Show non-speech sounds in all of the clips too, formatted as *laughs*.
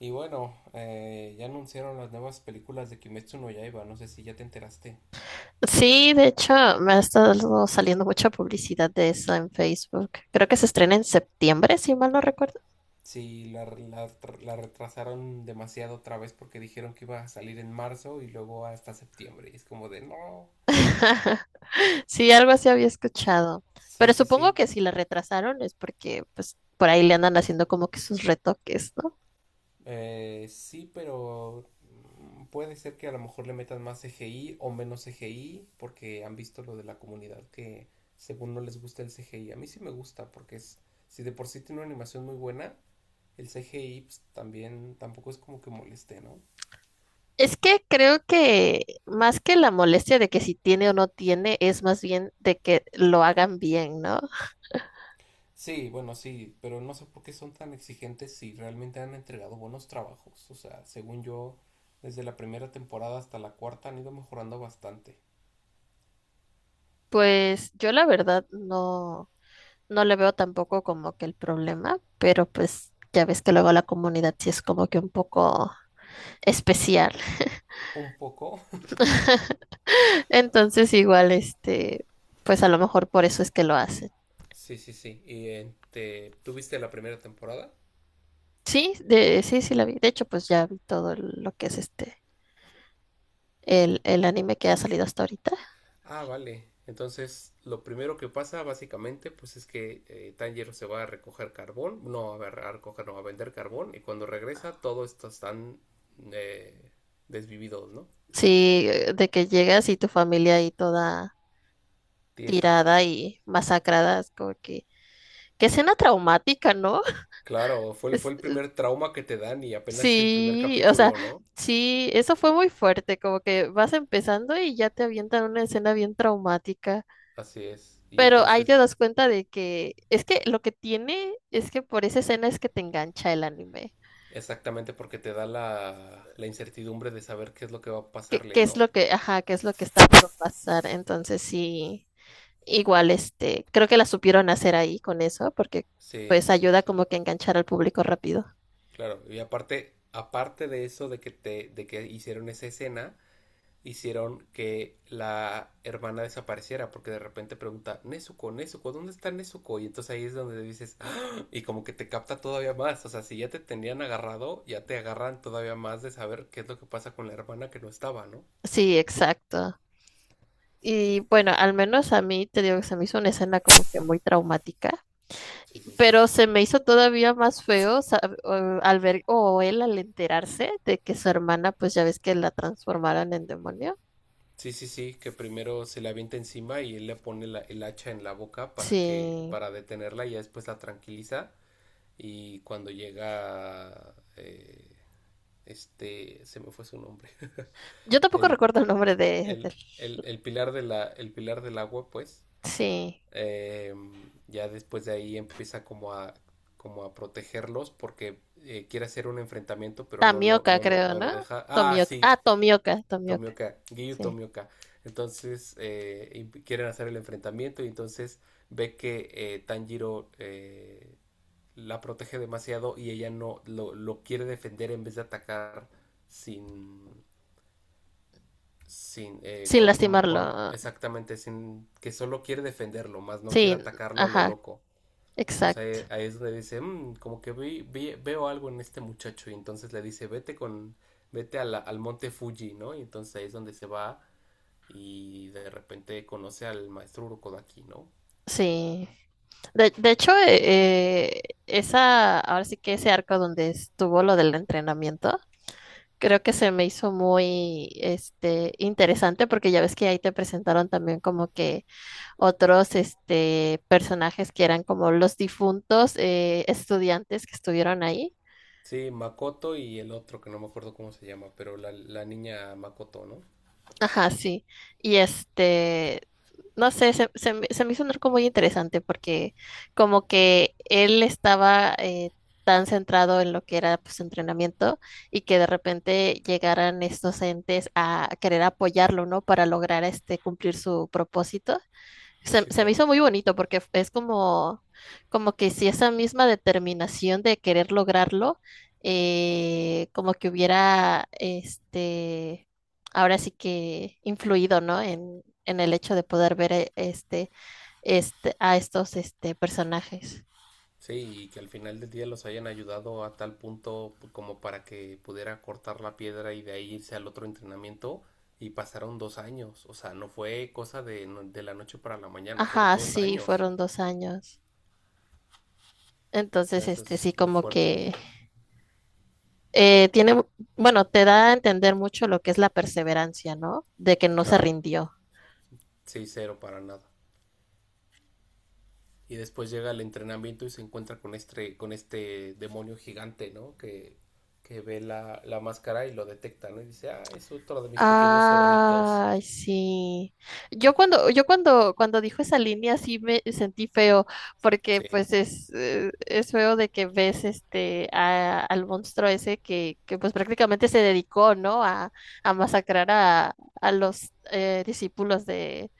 Y bueno, ya anunciaron las nuevas películas de Kimetsu no Yaiba. No sé si ya te enteraste. Sí, de hecho, me ha estado saliendo mucha publicidad de eso en Facebook. Creo que se estrena en septiembre, si mal no recuerdo. Si la, la, La retrasaron demasiado otra vez porque dijeron que iba a salir en marzo y luego hasta septiembre. Y es como de no. *laughs* Sí, algo así había escuchado. Sí, Pero sí, supongo sí. que si la retrasaron es porque, pues, por ahí le andan haciendo como que sus retoques, ¿no? Sí, pero puede ser que a lo mejor le metan más CGI o menos CGI porque han visto lo de la comunidad que según no les gusta el CGI. A mí sí me gusta porque es, si de por sí tiene una animación muy buena, el CGI pues, también tampoco es como que moleste, ¿no? Es que creo que más que la molestia de que si tiene o no tiene, es más bien de que lo hagan bien, ¿no? Sí, bueno, sí, pero no sé por qué son tan exigentes si realmente han entregado buenos trabajos. O sea, según yo, desde la primera temporada hasta la cuarta han ido mejorando bastante. Pues yo la verdad no. No le veo tampoco como que el problema, pero pues ya ves que luego la comunidad sí es como que un poco especial. Un poco. *laughs* *laughs* Entonces igual, pues a lo mejor por eso es que lo hacen. Sí, sí, sí. Y ¿tuviste la primera temporada? Sí, sí, sí la vi. De hecho, pues ya vi todo lo que es el anime que ha salido hasta ahorita. Ah, vale. Entonces, lo primero que pasa básicamente, pues es que Tanjiro se va a recoger carbón, no a, ver, a recoger, no, a vender carbón, y cuando regresa, todos estos están eh, desvividos, ¿no? Sí, de que llegas y tu familia ahí toda Tiesa. tirada y masacrada, es como que, qué escena traumática, ¿no? *laughs* Claro, fue, fue Es- el primer trauma que te dan y apenas es el primer Sí, o sea, capítulo, ¿no? sí, eso fue muy fuerte, como que vas empezando y ya te avientan una escena bien traumática, Así es. Y pero ahí te entonces, das cuenta de que es que lo que tiene es que por esa escena es que te engancha el anime, exactamente porque te da la incertidumbre de saber qué es lo que va a que, pasarle, que es ¿no? lo que, ajá, que es lo que está por pasar, entonces sí, igual creo que la supieron hacer ahí con eso, porque Sí, pues sí, ayuda sí. como que a enganchar al público rápido. Claro. Y aparte de eso de que de que hicieron esa escena, hicieron que la hermana desapareciera porque de repente pregunta, Nezuko, Nezuko, ¿dónde está Nezuko? Y entonces ahí es donde dices, ¡ah! Y como que te capta todavía más, o sea, si ya te tenían agarrado, ya te agarran todavía más de saber qué es lo que pasa con la hermana que no estaba, ¿no? Sí, exacto. Y bueno, al menos a mí te digo que se me hizo una escena como que muy traumática, Sí, sí, sí. pero se me hizo todavía más feo al ver o él al enterarse de que su hermana, pues ya ves que la transformaron en demonio. Sí, sí, sí, que primero se le avienta encima y él le pone el hacha en la boca Sí. para detenerla y ya después la tranquiliza y cuando llega este se me fue su nombre Yo *laughs* tampoco el recuerdo el nombre de el, él. El pilar de el pilar del agua, pues. Sí. eh, ya después de ahí empieza como a, como a protegerlos porque quiere hacer un enfrentamiento, pero Tamioka, creo, no lo ¿no? deja. Ah, Tomioka. sí, Ah, Tomioka, Tomioka, Tomioka, Giyu sí. Tomioka. Entonces quieren hacer el enfrentamiento y entonces ve que Tanjiro la protege demasiado y ella no lo, lo quiere defender en vez de atacar sin, sin, Sin co- como con, lastimarlo. exactamente, sin, que solo quiere defenderlo, más no quiere Sí, atacarlo a lo ajá, loco. exacto. Entonces ahí es donde dice, "Mm, como que veo algo en este muchacho". Y entonces le dice, vete a al monte Fuji, ¿no? Y entonces ahí es donde se va y de repente conoce al maestro Urokodaki, ¿no? Sí. De hecho, ahora sí que ese arco donde estuvo lo del entrenamiento, creo que se me hizo muy, interesante porque ya ves que ahí te presentaron también como que otros, personajes que eran como los difuntos estudiantes que estuvieron ahí. Sí, Makoto y el otro, que no me acuerdo cómo se llama, pero la niña Makoto, ¿no? Ajá, sí. Y no sé, se me hizo un arco muy interesante porque como que él estaba tan centrado en lo que era pues, su entrenamiento y que de repente llegaran estos entes a querer apoyarlo, ¿no? Para lograr cumplir su propósito. Se, Sí, se me claro. hizo muy bonito porque es como que si esa misma determinación de querer lograrlo, como que hubiera, ahora sí que influido, ¿no? En el hecho de poder ver a estos, personajes. Sí, y que al final del día los hayan ayudado a tal punto como para que pudiera cortar la piedra y de ahí irse al otro entrenamiento y pasaron 2 años. O sea, no fue cosa de, de la noche para la mañana, fueron Ajá, dos sí, años. fueron 2 años. Entonces, Eso es sí, muy como fuerte. que eh, tiene, bueno, te da a entender mucho lo que es la perseverancia, ¿no? De que no se Claro, rindió. sí, cero para nada. Y después llega el entrenamiento y se encuentra con con este demonio gigante, ¿no? Que ve la máscara y lo detecta, ¿no? Y dice, ah, es otro de mis pequeños zorritos. Ay, sí. Cuando dijo esa línea sí me sentí feo, porque Sí, pues es feo de que ves al monstruo ese que pues prácticamente se dedicó, ¿no? A masacrar a los discípulos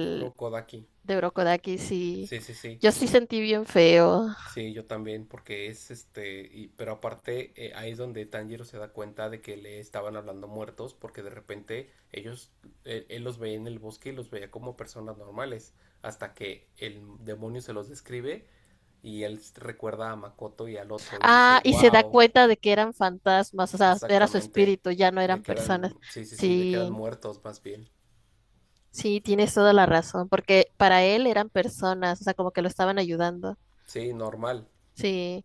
de Urokodaki. de Urokodaki, sí. Sí, sí, sí. Yo sí sentí bien feo. Sí, yo también, porque es este, pero aparte ahí es donde Tanjiro se da cuenta de que le estaban hablando muertos, porque de repente ellos, él los veía en el bosque y los veía como personas normales, hasta que el demonio se los describe y recuerda a Makoto y al otro y dice, Ah, y se da wow, cuenta de que eran fantasmas, o sea, era su exactamente, espíritu, ya no eran de que eran, personas. sí, sí, sí, de que eran Sí. muertos más bien, Sí, tienes toda la razón, porque para él eran personas, o sea, como que lo estaban ayudando. sí, normal, Sí.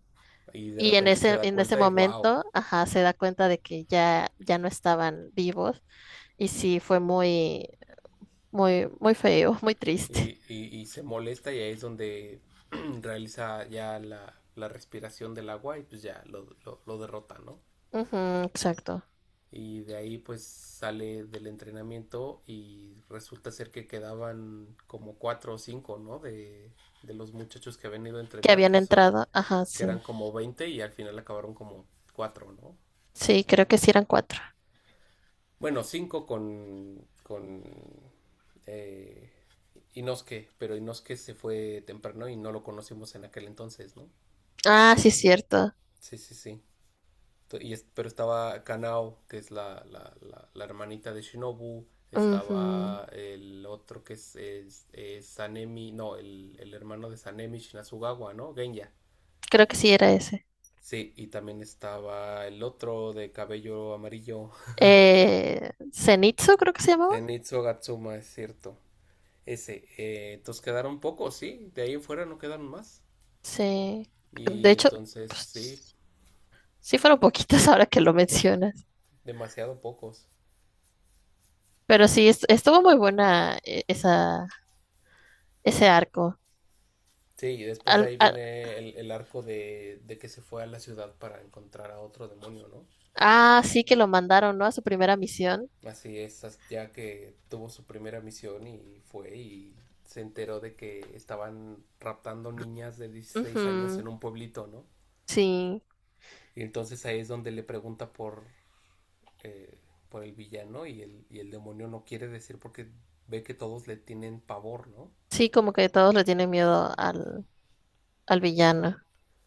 y de Y en repente se ese, da en ese cuenta y wow. momento, ajá, se da cuenta de que ya no estaban vivos. Y sí, fue muy, muy, muy feo, *laughs* muy triste. Y se molesta y ahí es donde *clears throat* *coughs* realiza ya la respiración del agua y pues ya lo derrota, ¿no? Ujú, exacto. Y de ahí pues sale del entrenamiento y resulta ser que quedaban como cuatro o cinco, ¿no? De los muchachos que habían ido a Que entrenar, habían entrado, ajá, que eran sí. como 20 y al final acabaron como cuatro, ¿no? Sí, creo que sí eran cuatro. Bueno, cinco con eh, Inosuke, pero Inosuke se fue temprano y no lo conocimos en aquel entonces, ¿no? Ah, sí, cierto. Sí, sí, sí. Pero estaba Kanao, que es la hermanita de Shinobu. Ujú. Estaba el otro que es Sanemi, no, el hermano de Sanemi Shinazugawa, ¿no? Genya. Creo que sí era ese. Sí, y también estaba el otro de cabello amarillo, Zenitsu, creo que se llamaba. Zenitsu Gatsuma, es cierto. Ese, entonces quedaron pocos, sí, de ahí en fuera no quedaron más. Sí. De Y hecho, entonces, sí, pues, sí fueron poquitas *laughs* ahora que lo mencionas, demasiado pocos. pero sí, estuvo muy buena ese arco. Sí, y después de Al- ahí al- viene el arco de que se fue a la ciudad para encontrar a otro demonio, ¿no? ah, sí que lo mandaron, ¿no? A su primera misión. Así es, ya que tuvo su primera misión y fue y se enteró de que estaban raptando niñas de 16 años Ujú. en un pueblito, ¿no? Sí, Y entonces ahí es donde eh, por el villano y y el demonio no quiere decir porque ve que todos le tienen pavor, ¿no? sí, como que todos le tienen miedo al villano.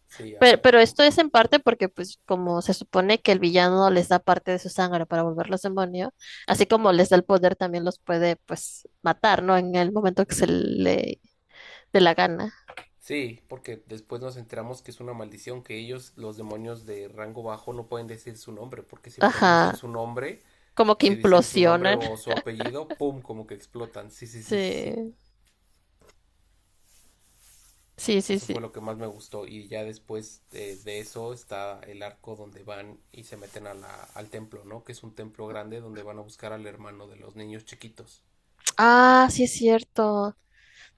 Sí, Pero, ah, pero esto es en parte porque, pues, como se supone que el villano les da parte de su sangre para volverlos demonio, así como les da el poder, también los puede, pues, matar, ¿no? En el momento que se le dé la gana. sí, porque después nos enteramos que es una maldición, que ellos, los demonios de rango bajo, no pueden decir su nombre, porque si pronuncian Ajá, su nombre, como que si dicen su nombre implosionan. o *laughs* su apellido, ¡pum! Como que explotan. Sí, sí, sí, sí, sí. Sí. Sí, sí, Eso fue sí. lo que más me gustó. Y ya después de eso está el arco donde van y se meten a al templo, ¿no? Que es un templo grande donde van a buscar al hermano de los niños chiquitos. Ah, sí es cierto.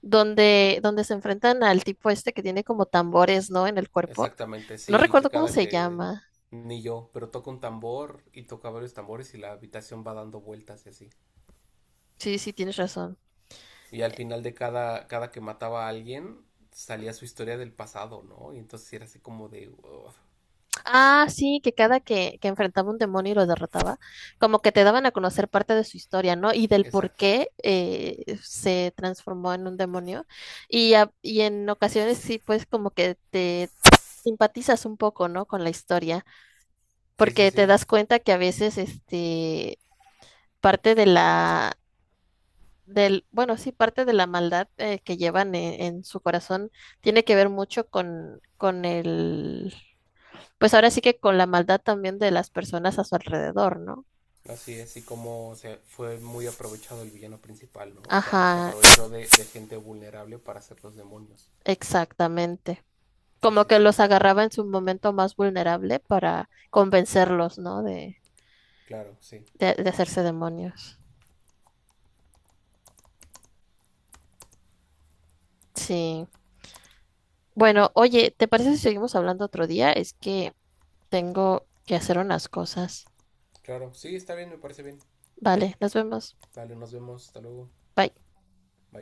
Donde se enfrentan al tipo este que tiene como tambores, ¿no? En el cuerpo. Exactamente, No sí, que recuerdo cómo cada se que llama. ni yo, pero toca un tambor y toca varios tambores y la habitación va dando vueltas y así. Sí, sí, tienes razón. Y al final de cada que mataba a alguien, salía su historia del pasado, ¿no? Y entonces era así como de... ugh. Ah, sí, que cada que enfrentaba un demonio y lo derrotaba, como que te daban a conocer parte de su historia, ¿no? Y del por Exacto. qué se transformó en un demonio. Y en ocasiones sí, pues como que te simpatizas un poco, ¿no? Con la historia, Sí, sí, porque te sí. das cuenta que a veces, este parte de la del, bueno, sí, parte de la maldad que llevan en su corazón tiene que ver mucho con pues ahora sí que con la maldad también de las personas a su alrededor, ¿no? Así es, y como se fue muy aprovechado el villano principal, ¿no? O sea, se Ajá, aprovechó de gente vulnerable para hacer los demonios. exactamente. Sí, Como sí, que sí. los agarraba en su momento más vulnerable para convencerlos, ¿no? De, Claro, sí. de, de hacerse demonios. Sí. Bueno, oye, ¿te parece si seguimos hablando otro día? Es que tengo que hacer unas cosas. Claro, sí, está bien, me parece bien. Vale, nos vemos. Dale, nos vemos. Hasta luego. Bye.